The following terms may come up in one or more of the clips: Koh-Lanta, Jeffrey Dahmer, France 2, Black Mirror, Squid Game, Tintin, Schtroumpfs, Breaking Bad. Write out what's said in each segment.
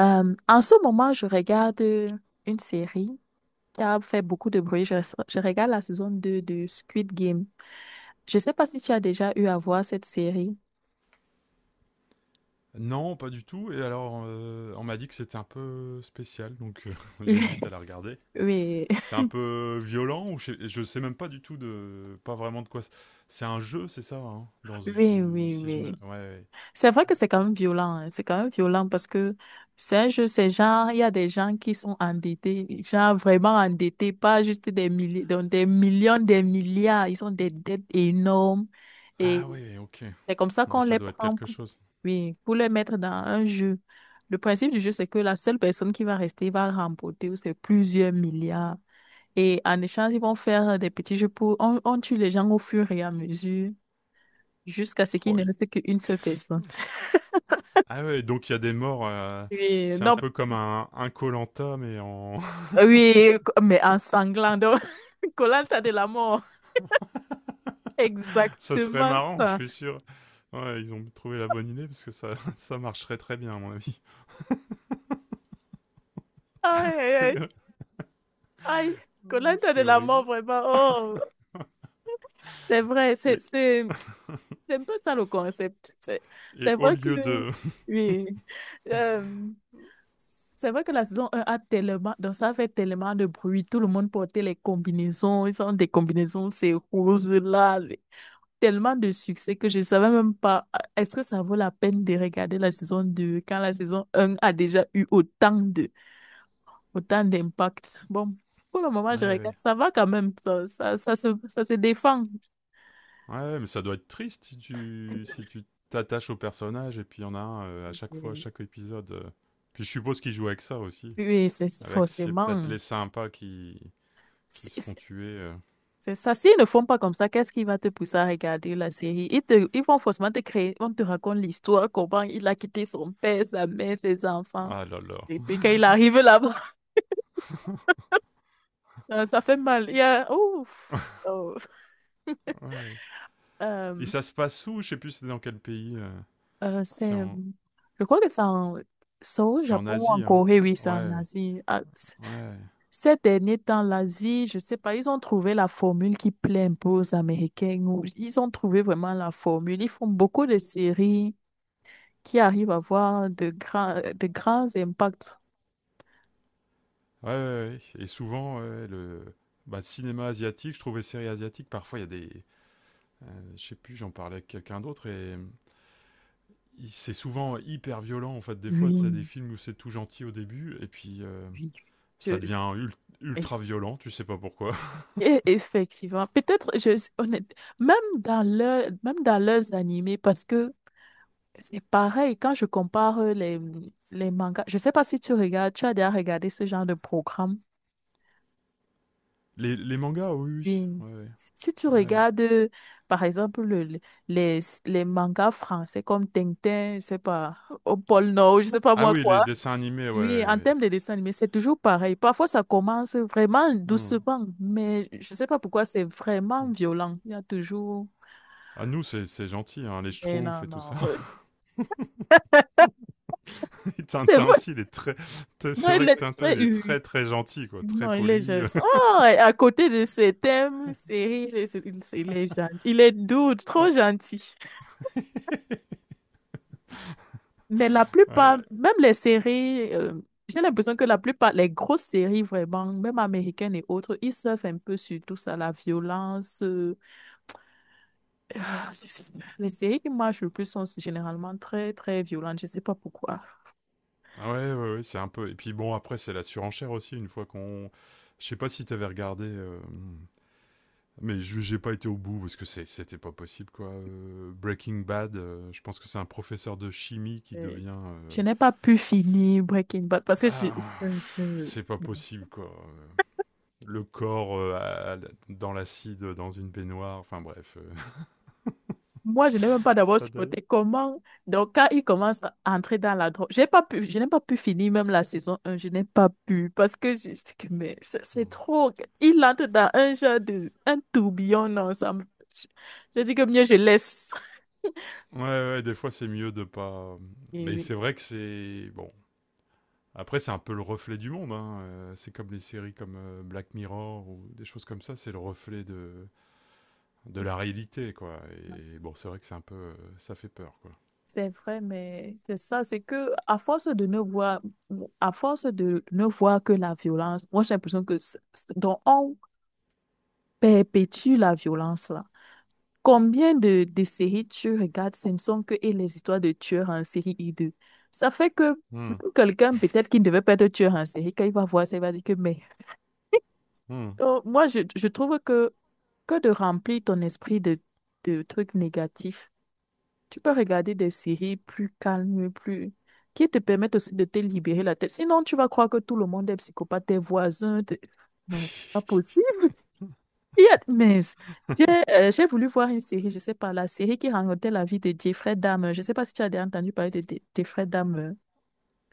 En ce moment, je regarde une série qui a fait beaucoup de bruit. Je regarde la saison 2 de Squid Game. Je ne sais pas si tu as déjà eu à voir cette série. Non, pas du tout. Et alors, on m'a dit que c'était un peu spécial, donc Oui, j'hésite à la regarder. oui, C'est un peu violent, ou je sais même pas du tout de, pas vraiment de quoi. C'est un jeu, c'est ça, hein, oui, oui, si je me, oui. ouais. Ouais. C'est vrai que c'est quand même violent, hein. C'est quand même violent parce que c'est un jeu, c'est genre, il y a des gens qui sont endettés, genre vraiment endettés, pas juste des milliers, donc des millions, des milliards. Ils ont des dettes énormes. Ah ouais, ok. C'est comme ça Ouais, qu'on ça les doit être prend quelque pour, chose. oui, pour les mettre dans un jeu. Le principe du jeu, c'est que la seule personne qui va rester va remporter c'est plusieurs milliards. Et en échange, ils vont faire des petits jeux pour... On tue les gens au fur et à mesure jusqu'à ce qu'il ne Roy. reste qu'une seule personne. Ah ouais, donc il y a des morts. Oui, C'est un non, peu comme un koh mais en, oui, mais en sanglant. Donc, Koh-Lanta de la mort. ça serait Exactement marrant, je ça. suis sûr. Ouais, ils ont trouvé la bonne idée parce que ça, ça marcherait très bien à mon avis. Aïe, aïe, C'est, aïe. Aïe. oui, Koh-Lanta de c'est la mort, horrible. vraiment. Oh, c'est vrai. C'est un peu ça le concept. C'est Et au vrai que, lieu de. oui. Euh, c'est vrai que la saison un a tellement, donc ça fait tellement de bruit. Tout le monde portait les combinaisons. Ils ont des combinaisons, c'est rose là. Tellement de succès que je ne savais même pas. Est-ce que ça vaut la peine de regarder la saison 2 quand la saison un a déjà eu autant d'impact? Bon, pour le moment, Ouais, je regarde. ouais. Ça va quand même. Ça se défend. Ouais, mais ça doit être triste si tu si tu t'attaches au personnage et puis il y en a un à chaque fois, à Oui, chaque épisode. Puis je suppose qu'ils jouent avec ça aussi. oui, c'est Avec c'est peut-être forcément. les sympas qui se font tuer. C'est ça. S'ils ne font pas comme ça, qu'est-ce qui va te pousser à regarder la série? Ils vont forcément te créer, on te raconte l'histoire, comment il a quitté son père, sa mère, ses enfants. Ah là là. Et puis quand il arrive là-bas, ça fait mal. Il y a, ouf, oh. Ouais. Euh, Et ça se passe où. Je sais plus c'est dans quel pays. euh, C'est c'est, en je crois que c'est au c'est en Japon ou en Asie, hein. Corée, oui, c'est Ouais, en ouais. Asie. Ah, Ouais. ces derniers temps, l'Asie, je sais pas, ils ont trouvé la formule qui plaît un peu aux Américains, ou ils ont trouvé vraiment la formule. Ils font beaucoup de séries qui arrive à avoir de grands impacts. Ouais, ouais, ouais. Et souvent ouais, le bah, cinéma asiatique, je trouvais séries asiatiques, parfois il y a des je sais plus, j'en parlais avec quelqu'un d'autre et c'est souvent hyper violent en fait. Des fois, tu as des Oui, films où c'est tout gentil au début et puis oui. ça Je- devient ultra violent, tu sais pas pourquoi. Et effectivement, peut-être, honnête, même dans leurs animés, parce que c'est pareil, quand je compare les mangas, je sais pas si tu regardes, tu as déjà regardé ce genre de programme. Les mangas, oh oui, Oui. oui. Ouais, Si ouais, si tu ouais. regardes, par exemple, les, les mangas français comme Tintin, je sais pas, au pôle Nord, je sais pas Ah moi oui, quoi. les dessins animés, Oui, en ouais. termes de dessin animé, c'est toujours pareil. Parfois, ça commence vraiment Ouais, ouais. doucement, mais je sais pas pourquoi c'est Hmm. vraiment violent. Il y a toujours. Ah nous, c'est gentil, hein, les Eh Schtroumpfs non, et tout non. ça. Et C'est Tintin vrai. aussi, il est très... Non, C'est il vrai que est Tintin, très. il est Oui. très très gentil, quoi. Très Non, il est poli. juste. Ah, et à côté de ses thèmes, séries, il est gentil. Il est doux, trop gentil. Mais la plupart, Ouais, même les séries, j'ai l'impression que la plupart, les grosses séries vraiment, même américaines et autres, ils surfent un peu sur tout ça, la violence. Les séries qui marchent le plus sont généralement très, très violentes. Je ne sais pas pourquoi. ah ouais, ouais, ouais, c'est un peu... Et puis bon, après, c'est la surenchère aussi, une fois qu'on... Je sais pas si t'avais regardé... Mais j'ai pas été au bout parce que c'était pas possible quoi. Breaking Bad, je pense que c'est un professeur de chimie qui Euh, devient. Je n'ai pas pu finir Breaking Bad parce que Ah, je- je- c'est pas possible quoi. Le corps dans l'acide, dans une baignoire, enfin bref. moi, je n'ai même pas d'abord Ça d'ailleurs. supporté comment. Donc, quand il commence à entrer dans la drogue, j'ai pas pu, je n'ai pas pu finir même la saison un. Je n'ai pas pu parce que je dis que, mais c'est trop. Il entre dans un genre de, un tourbillon ensemble. Je dis que mieux je laisse. Ouais, ouais, des fois c'est mieux de pas. Et Mais oui. c'est vrai que c'est. Bon. Après, c'est un peu le reflet du monde, hein. C'est comme les séries comme Black Mirror ou des choses comme ça. C'est le reflet de la réalité, quoi. Et bon, c'est vrai que c'est un peu, ça fait peur, quoi. C'est vrai, mais c'est ça, c'est que à force de ne voir, à force de ne voir que la violence, moi j'ai l'impression que donc on perpétue la violence là. Combien de séries tu regardes, ce ne sont que et les histoires de tueurs en série hideux. Ça fait que Hmm, même quelqu'un peut-être qui ne devait pas être tueur en série, quand il va voir ça, il va dire que mais. hmm. Donc, moi je trouve que de remplir ton esprit de trucs négatifs. Tu peux regarder des séries plus calmes, plus... qui te permettent aussi de te libérer la tête. Sinon, tu vas croire que tout le monde est psychopathe, tes voisins. Non, pas possible. Il y a... Mais j'ai j'ai voulu voir une série, je sais pas, la série qui racontait la vie de Jeffrey Dahmer. Je sais pas si tu as déjà entendu parler de Jeffrey Dahmer.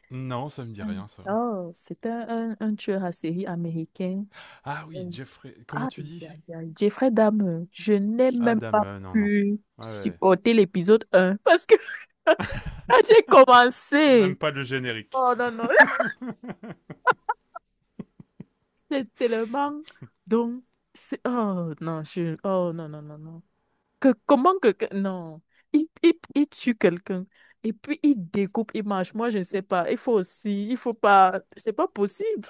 Non, ça me dit Mm. rien, ça. Oh, c'était un tueur à série américain. Ah oui, Euh, Jeffrey, comment Aïe, tu dis. aïe, aïe. Jeffrey Dahmer, je n'ai même Adam, pas non, non. pu Ouais, ouais. supporter l'épisode un parce que quand j'ai Même commencé, pas le générique. oh non, non, c'est tellement. Donc, oh non, je. Oh non, non, non, non. Que, comment que. Non. Il tue quelqu'un. Et puis, il découpe, il mange. Moi, je ne sais pas. Il faut aussi. Il faut pas. C'est pas possible.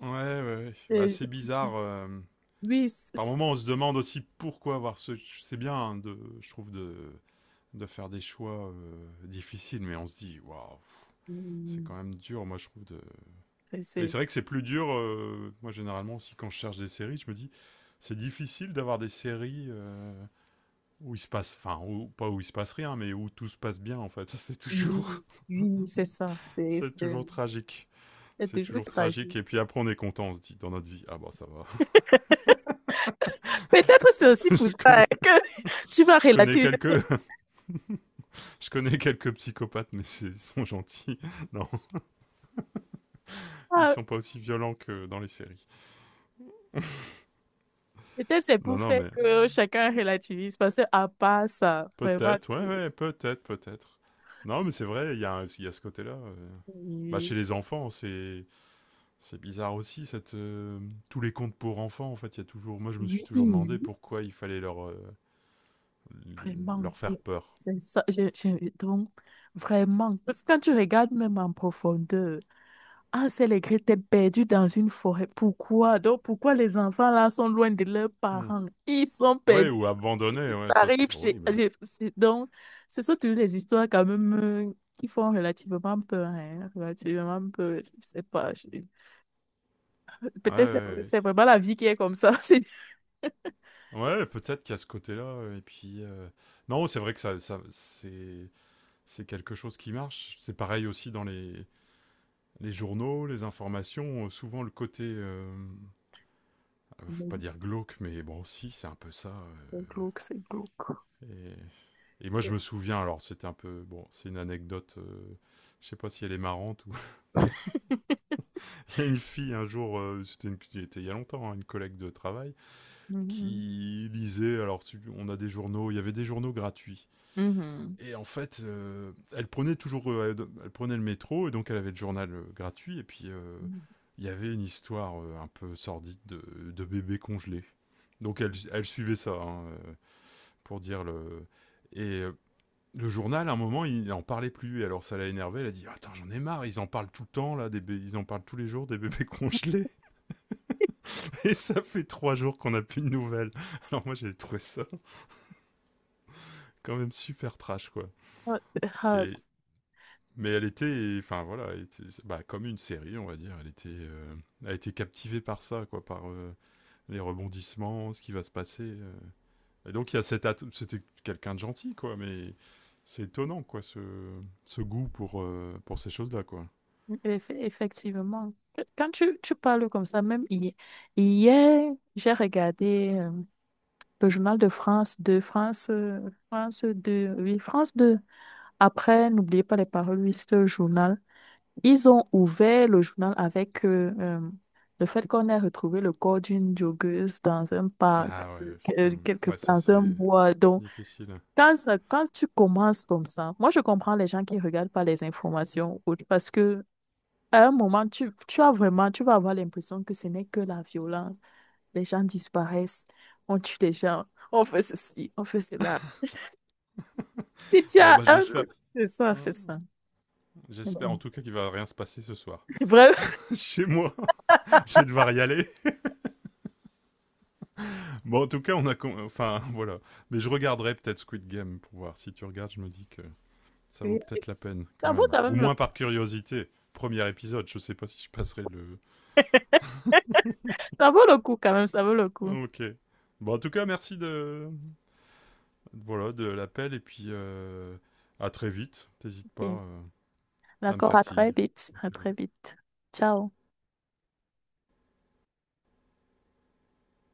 Ouais, ouais, ouais. Bah, C'est- c'est bizarre. Oui, c'est. Par moments, on se demande aussi pourquoi avoir ce. C'est bien, hein, de, je trouve, de faire des choix difficiles, mais on se dit, waouh, c'est Mm. quand même dur, moi, je trouve, de. c'est- Et c'est c'est- vrai que c'est plus dur. Moi, généralement, aussi, quand je cherche des séries, je me dis, c'est difficile d'avoir des séries où il se passe, enfin, pas où il se passe rien, mais où tout se passe bien, en fait. Ça, c'est Oui, toujours, oui, c'est ça. C'est toujours tragique. C'est C'est toujours toujours tragique. tragique. Et puis après, on est content, on se dit, dans notre vie, ah bah ça va. Peut-être c'est aussi pour je ça connais, hein, que tu vas je connais relativiser. quelques, je connais quelques psychopathes, mais ils sont gentils. Non, ils Ah, sont pas aussi violents que dans les séries. peut-être c'est Non, pour non, faire mais que chacun relativise, parce que à part ça, vraiment, peut-être, ouais, ouais, peut-être, peut-être. Non, mais c'est vrai, il y a ce côté-là. Bah, chez oui, les enfants, c'est bizarre aussi cette tous les contes pour enfants en fait, il y a toujours moi je me suis oui, toujours demandé oui, pourquoi il fallait leur vraiment, leur faire peur. c'est ça. Donc, vraiment, parce que quand tu regardes même en profondeur, ah, c'est les grès, t'es perdu dans une forêt. Pourquoi? Donc, pourquoi les enfants là sont loin de leurs Hmm. parents? Ils sont Ouais, perdus. ou abandonner, Ils ouais, ça arrivent c'est chez... horrible. Donc, c'est surtout les histoires quand même qui font relativement peur, hein, relativement peur, je sais pas. Ouais, ouais, Peut-être c'est ouais. c'est vraiment la vie qui est comme ça. Oui. Ouais, peut-être qu'à ce côté-là, et puis... Non, c'est vrai que ça, ça c'est quelque chose qui marche. C'est pareil aussi dans les journaux, les informations. Souvent le côté... faut pas Mhm. dire glauque, mais bon, si, c'est un peu ça. C'est glauque, c'est glauque. Et, et moi, je C'est- me souviens, alors c'était un peu. Bon, c'est une anecdote, je sais pas si elle est marrante. Ou... il y a une fille un jour, il y a longtemps, hein, une collègue de travail, Mhm. qui lisait. Alors, on a des journaux, il y avait des journaux gratuits. Mhm. Et en fait, elle prenait toujours. Elle prenait le métro, et donc elle avait le journal gratuit, et puis Mhm. il y avait une histoire un peu sordide de bébé congelé. Donc elle, elle suivait ça, hein, pour dire le. Et le journal, à un moment, il en parlait plus. Et alors, ça l'a énervé. Elle a dit : « Attends, j'en ai marre. Ils en parlent tout le temps, là. Ils en parlent tous les jours, des bébés congelés. Et ça fait trois jours qu'on n'a plus de nouvelles. » Alors, moi, j'ai trouvé ça quand même super trash, quoi. Ah, ah, Et... mais elle était, enfin voilà, bah, comme une série, on va dire. Elle était, elle a été captivée par ça, quoi, par les rebondissements, ce qui va se passer. Et donc, il y a cette. C'était quelqu'un de gentil, quoi. Mais c'est étonnant, quoi, ce goût pour ces choses-là, quoi. Effectivement. Quand tu parles comme ça, même hier, j'ai regardé. Le journal de France 2, France 2, oui, France 2. Après, n'oubliez pas les paroles, oui, le journal. Ils ont ouvert le journal avec le fait qu'on ait retrouvé le corps d'une joggeuse dans un parc, Ah ouais, hmm. quelque Ouais, ça dans un c'est bois. Donc, difficile. quand tu commences comme ça, moi, je comprends les gens qui regardent pas les informations parce que à un moment, tu as vraiment, tu vas avoir l'impression que ce n'est que la violence les gens disparaissent, on tue les gens, on fait ceci, on fait cela. Si tu Bon as bah un coup, j'espère, c'est ça, hmm, c'est ça. j'espère en Mhm. tout cas qu'il va rien se passer ce soir. Bref, Chez moi, je vais devoir y aller. Bon en tout cas on a, enfin voilà, mais je regarderai peut-être Squid Game pour voir. Si tu regardes, je me dis que ça vaut oui, peut-être la peine quand ça vaut même. quand Au même le, moins par curiosité. Premier épisode, je sais pas si je passerai le. ça vaut le coup quand même, ça vaut le coup. Ok. Bon en tout cas merci de, voilà, de l'appel et puis à très vite. T'hésites Ok. pas à me D'accord, faire à signe très vite, quand à tu très veux. vite. Ciao.